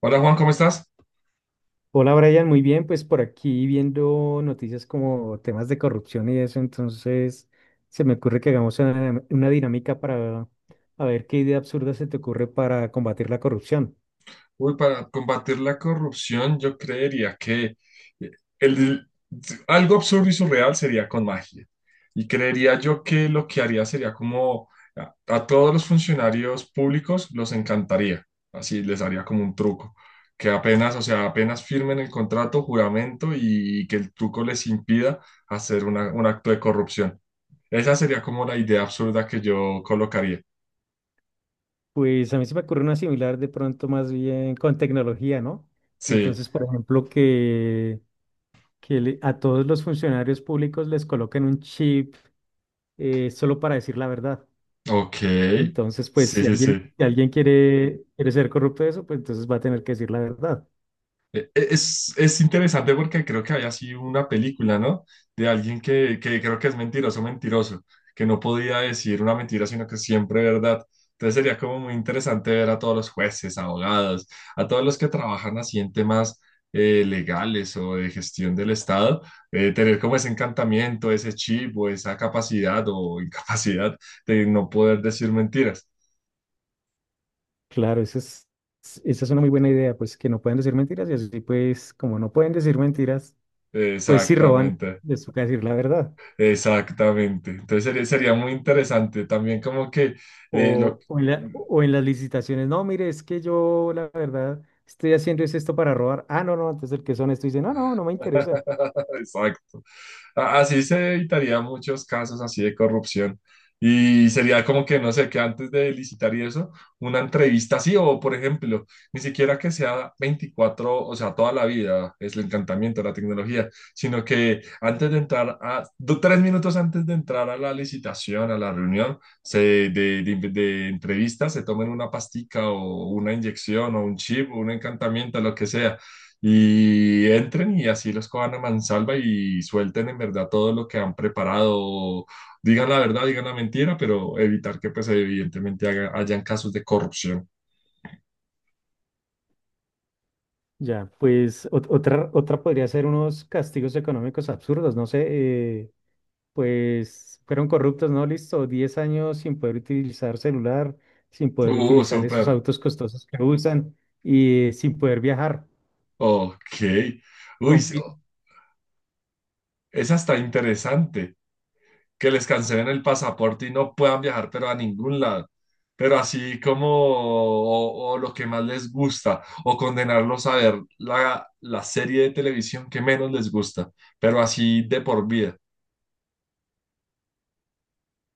Hola Juan, ¿cómo estás? Hola Brian, muy bien, pues por aquí viendo noticias como temas de corrupción y eso. Entonces se me ocurre que hagamos una dinámica para a ver qué idea absurda se te ocurre para combatir la corrupción. Uy, para combatir la corrupción, yo creería que eh, el, algo absurdo y surreal sería con magia. Y creería yo que lo que haría sería como a todos los funcionarios públicos los encantaría. Así les haría como un truco. Que apenas, o sea, apenas firmen el contrato, juramento y, que el truco les impida hacer un acto de corrupción. Esa sería como la idea absurda que yo colocaría. Pues a mí se me ocurre una similar, de pronto más bien con tecnología, ¿no? Sí, Entonces, por ejemplo, a todos los funcionarios públicos les coloquen un chip, solo para decir la verdad. ok. Entonces, pues Sí, si sí, alguien, sí. si alguien quiere ser corrupto de eso, pues entonces va a tener que decir la verdad. Es interesante porque creo que había sido una película, ¿no? De alguien que creo que es mentiroso, mentiroso, que no podía decir una mentira, sino que siempre verdad. Entonces sería como muy interesante ver a todos los jueces, abogados, a todos los que trabajan así en temas legales o de gestión del Estado, tener como ese encantamiento, ese chip o esa capacidad o incapacidad de no poder decir mentiras. Claro, esa es una muy buena idea, pues que no pueden decir mentiras, y así, pues como no pueden decir mentiras, pues si roban, Exactamente. les toca decir la verdad. Exactamente. Entonces sería muy interesante también como que eh, lo... O, o en las licitaciones, no, mire, es que yo la verdad estoy haciendo es esto para robar. Ah, no, no, entonces el que es honesto dice, no, no, no me interesa. Exacto. Así se evitaría muchos casos así de corrupción. Y sería como que, no sé, que antes de licitar y eso, una entrevista así, o por ejemplo, ni siquiera que sea 24 o sea, toda la vida, es el encantamiento de la tecnología, sino que antes de entrar 3 minutos antes de entrar a la licitación, a la reunión se, de entrevista, se tomen una pastica o una inyección o un chip o un encantamiento, lo que sea y entren y así los cojan a mansalva y suelten en verdad todo lo que han preparado. Digan la verdad, digan la mentira, pero evitar que pues evidentemente hayan casos de corrupción. Ya, pues otra podría ser unos castigos económicos absurdos, no sé, pues fueron corruptos, ¿no? Listo, 10 años sin poder utilizar celular, sin poder utilizar esos Súper. autos costosos que usan, y sin poder viajar. Ok. Uy, Con... sí, fi- oh, esa está interesante. Que les cancelen el pasaporte y no puedan viajar, pero a ningún lado. Pero así como o lo que más les gusta, o condenarlos a ver la serie de televisión que menos les gusta, pero así de por vida.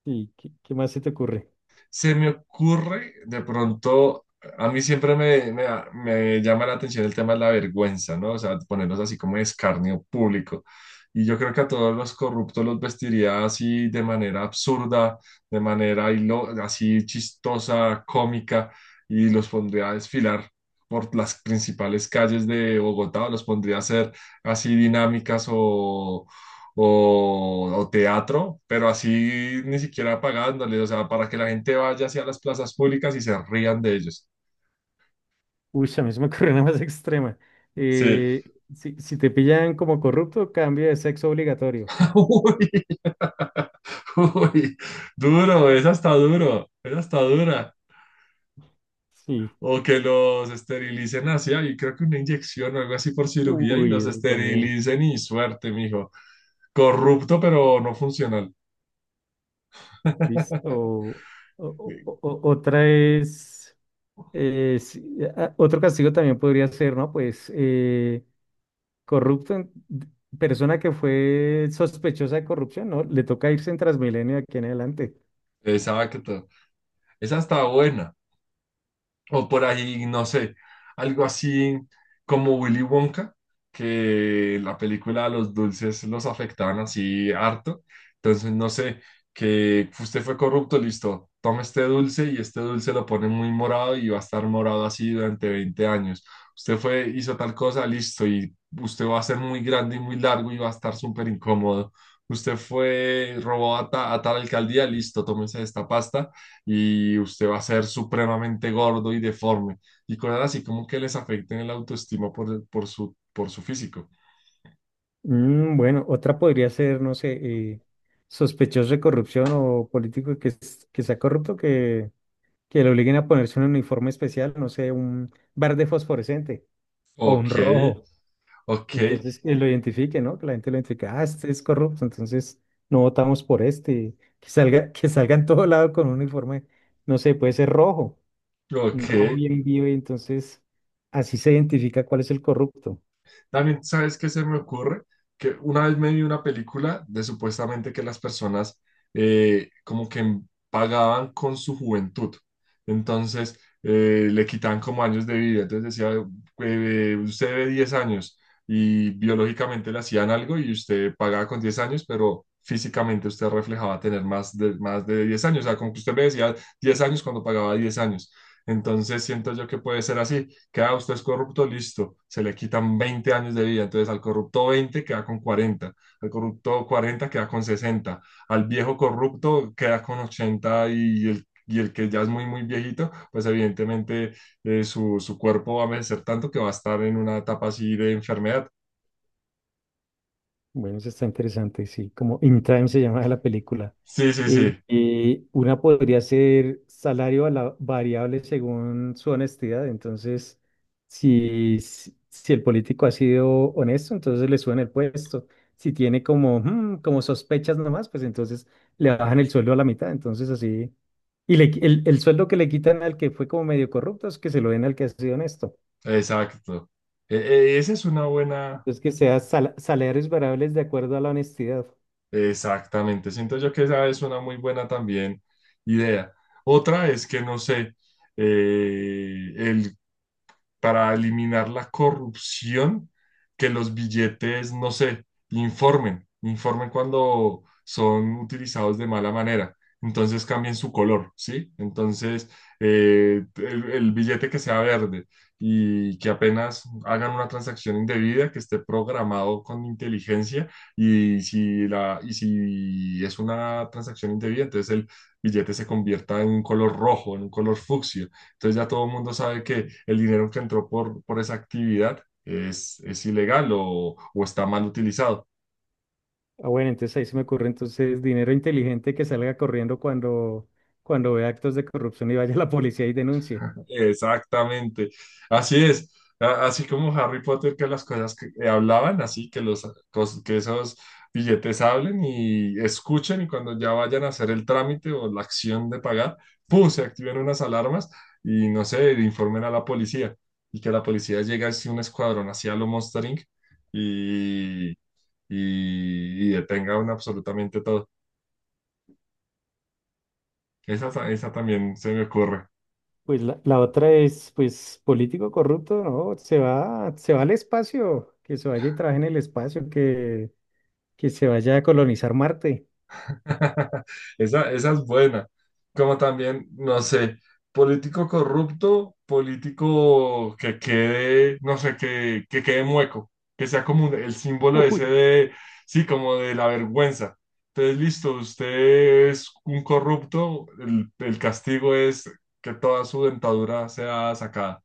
¿Y qué más se te ocurre? Se me ocurre, de pronto, a mí siempre me llama la atención el tema de la vergüenza, ¿no? O sea, ponerlos así como de escarnio público. Y yo creo que a todos los corruptos los vestiría así de manera absurda, de manera así chistosa, cómica, y los pondría a desfilar por las principales calles de Bogotá, o los pondría a hacer así dinámicas o teatro, pero así ni siquiera pagándole, o sea, para que la gente vaya hacia las plazas públicas y se rían de ellos. Uy, a mí se me ocurre una más extrema. Sí. Eh, si te pillan como corrupto, cambio de sexo obligatorio. Uy, uy, duro, esa está dura. Sí. O que los esterilicen así, y creo que una inyección o algo así por cirugía y Uy, los eso también. esterilicen y suerte, mijo. Corrupto, pero no funcional. Listo. Otra es, eh, si- otro castigo también podría ser, ¿no? Pues Corrupto, en- persona que fue sospechosa de corrupción, ¿no? Le toca irse en Transmilenio de aquí en adelante. Exacto. Esa está buena. O por ahí, no sé, algo así como Willy Wonka, que la película de los dulces los afectaban así harto. Entonces, no sé, que usted fue corrupto, listo, toma este dulce y este dulce lo pone muy morado y va a estar morado así durante 20 años. Usted fue, hizo tal cosa, listo, y usted va a ser muy grande y muy largo y va a estar súper incómodo. Usted fue, robó a tal alcaldía, listo, tómese esta pasta y usted va a ser supremamente gordo y deforme y cosas así como que les afecten el autoestima por su físico. Mm, bueno, otra podría ser, no sé, eh, sospechoso de corrupción o político que, que sea corrupto, que le obliguen a ponerse un uniforme especial, no sé, un verde fosforescente o un Ok, rojo. ok, Entonces, que lo identifique, ¿no? Que la gente lo identifique, ah, este es corrupto, entonces no votamos por este. Que salga en todo lado con un uniforme, no sé, puede ser rojo. Un ok. rojo bien vivo, y entonces así se identifica cuál es el corrupto. También, ¿sabes qué se me ocurre? Que una vez me vi una película de supuestamente que las personas como que pagaban con su juventud. Entonces, le quitaban como años de vida. Entonces decía, usted debe 10 años y biológicamente le hacían algo y usted pagaba con 10 años, pero físicamente usted reflejaba tener más de 10 años. O sea, como que usted me decía 10 años cuando pagaba 10 años. Entonces siento yo que puede ser así, queda usted es corrupto, listo, se le quitan 20 años de vida, entonces al corrupto 20 queda con 40 al corrupto 40 queda con 60 al viejo corrupto queda con 80 y el que ya es muy, muy viejito, pues evidentemente su cuerpo va a envejecer tanto que va a estar en una etapa así de enfermedad. Bueno, eso está interesante, sí, como In Time se llama la película. Sí, sí, Eh, sí, una podría ser salario a la variable según su honestidad. Entonces, si el político ha sido honesto, entonces le suben el puesto. Si tiene como, mm, como sospechas nomás, pues entonces le bajan el sueldo a la mitad, entonces así. Y el sueldo que le quitan al que fue como medio corrupto es que se lo den al que ha sido honesto. exacto. Esa es una buena. Entonces, que sea salarios variables de acuerdo a la honestidad. Exactamente, siento yo que esa es una muy buena también idea. Otra es que, no sé, el para eliminar la corrupción, que los billetes, no sé, informen cuando son utilizados de mala manera. Entonces cambien su color, ¿sí? Entonces, el billete que sea verde y que apenas hagan una transacción indebida, que esté programado con inteligencia y si es una transacción indebida, entonces el billete se convierta en un color rojo, en un color fucsia entonces ya todo el mundo sabe que el dinero que entró por esa actividad es ilegal o está mal utilizado. Ah, bueno, entonces ahí se me ocurre entonces dinero inteligente que salga corriendo cuando, cuando vea actos de corrupción y vaya a la policía y denuncie. Exactamente. Así es. Así como Harry Potter, que las cosas que hablaban, así que, que esos billetes hablen y escuchen y cuando ya vayan a hacer el trámite o la acción de pagar, ¡pum! Se activen unas alarmas y no sé, informen a la policía y que la policía llegue así un escuadrón hacia lo Monster Inc. y y detengan absolutamente todo. Esa también se me ocurre. Pues la otra es, pues, político corrupto, ¿no? Se va al espacio, que se vaya y trabaje en el espacio, que se vaya a colonizar Marte. Esa es buena. Como también, no sé, político corrupto, político que quede, no sé, que quede mueco, que sea como el símbolo Uy, ese de, sí, como de la vergüenza. Entonces, listo, usted es un corrupto, el castigo es que toda su dentadura sea sacada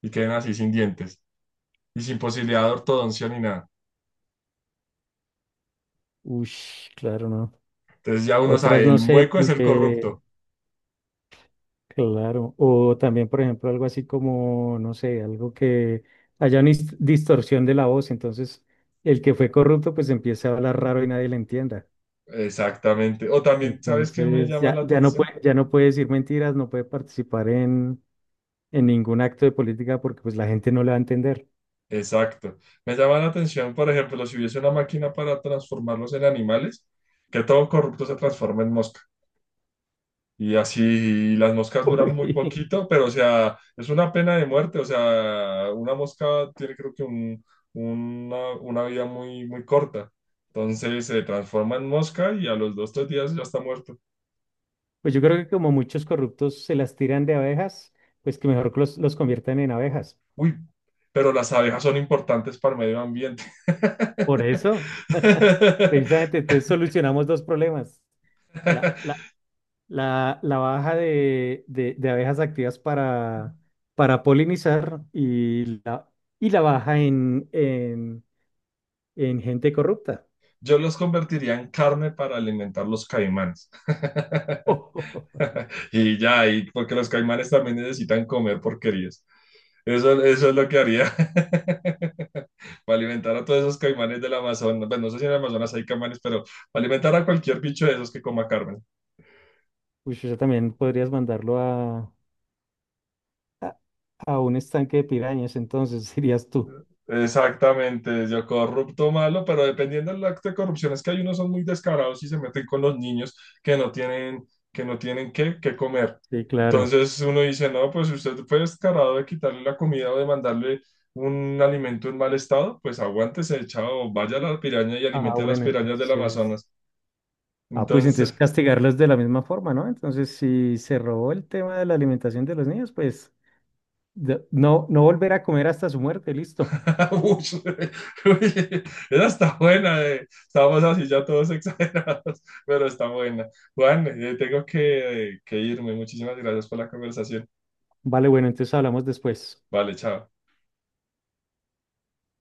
y queden así sin dientes y sin posibilidad de ortodoncia ni nada. ush, claro, ¿no? Entonces ya uno Otras sabe, no el sé, mueco es el que corrupto. claro, o también, por ejemplo, algo así como, no sé, algo que haya una distorsión de la voz, entonces el que fue corrupto pues empieza a hablar raro y nadie le entienda. Exactamente. O también, ¿sabes qué me Entonces llama la atención? Ya no puede decir mentiras, no puede participar en ningún acto de política porque pues la gente no le va a entender. Exacto. Me llama la atención, por ejemplo, si hubiese una máquina para transformarlos en animales, que todo corrupto se transforma en mosca. Y así las moscas duran muy Uy, poquito, pero o sea, es una pena de muerte. O sea, una mosca tiene creo que una vida muy, muy corta. Entonces se transforma en mosca y a los 2, 3 días ya está muerta. pues yo creo que como muchos corruptos se las tiran de abejas, pues que mejor que los conviertan en abejas. Uy, pero las abejas son importantes para el medio ambiente. Por eso, precisamente, entonces solucionamos 2 problemas. La baja de, de abejas activas para polinizar, y y la baja en, en gente corrupta. Yo los convertiría en carne para alimentar los caimanes. Uy, Y ya, y porque los caimanes también necesitan comer porquerías. Eso es lo que haría para alimentar a todos esos caimanes del Amazonas. Bueno, no sé si en el Amazonas hay caimanes, pero para alimentar a cualquier bicho de esos que coma carne. eso también podrías mandarlo a, a un estanque de pirañas, entonces dirías tú. Exactamente, yo corrupto malo, pero dependiendo del acto de corrupción, es que hay unos son muy descarados y se meten con los niños que no tienen qué comer. Sí, claro. Entonces uno dice, no, pues si usted fue descarado de quitarle la comida o de mandarle un alimento en mal estado, pues aguántese, chao, vaya a la piraña y Ah, alimente a las bueno, pirañas del entonces. Amazonas. Ah, pues Entonces, entonces castigarlos de la misma forma, ¿no? Entonces, si se robó el tema de la alimentación de los niños, pues no, no volver a comer hasta su muerte, listo. Uy, uy, esa está buena. Estamos así ya todos exagerados, pero está buena. Juan, tengo que irme. Muchísimas gracias por la conversación. Vale, bueno, entonces hablamos después. Vale, chao.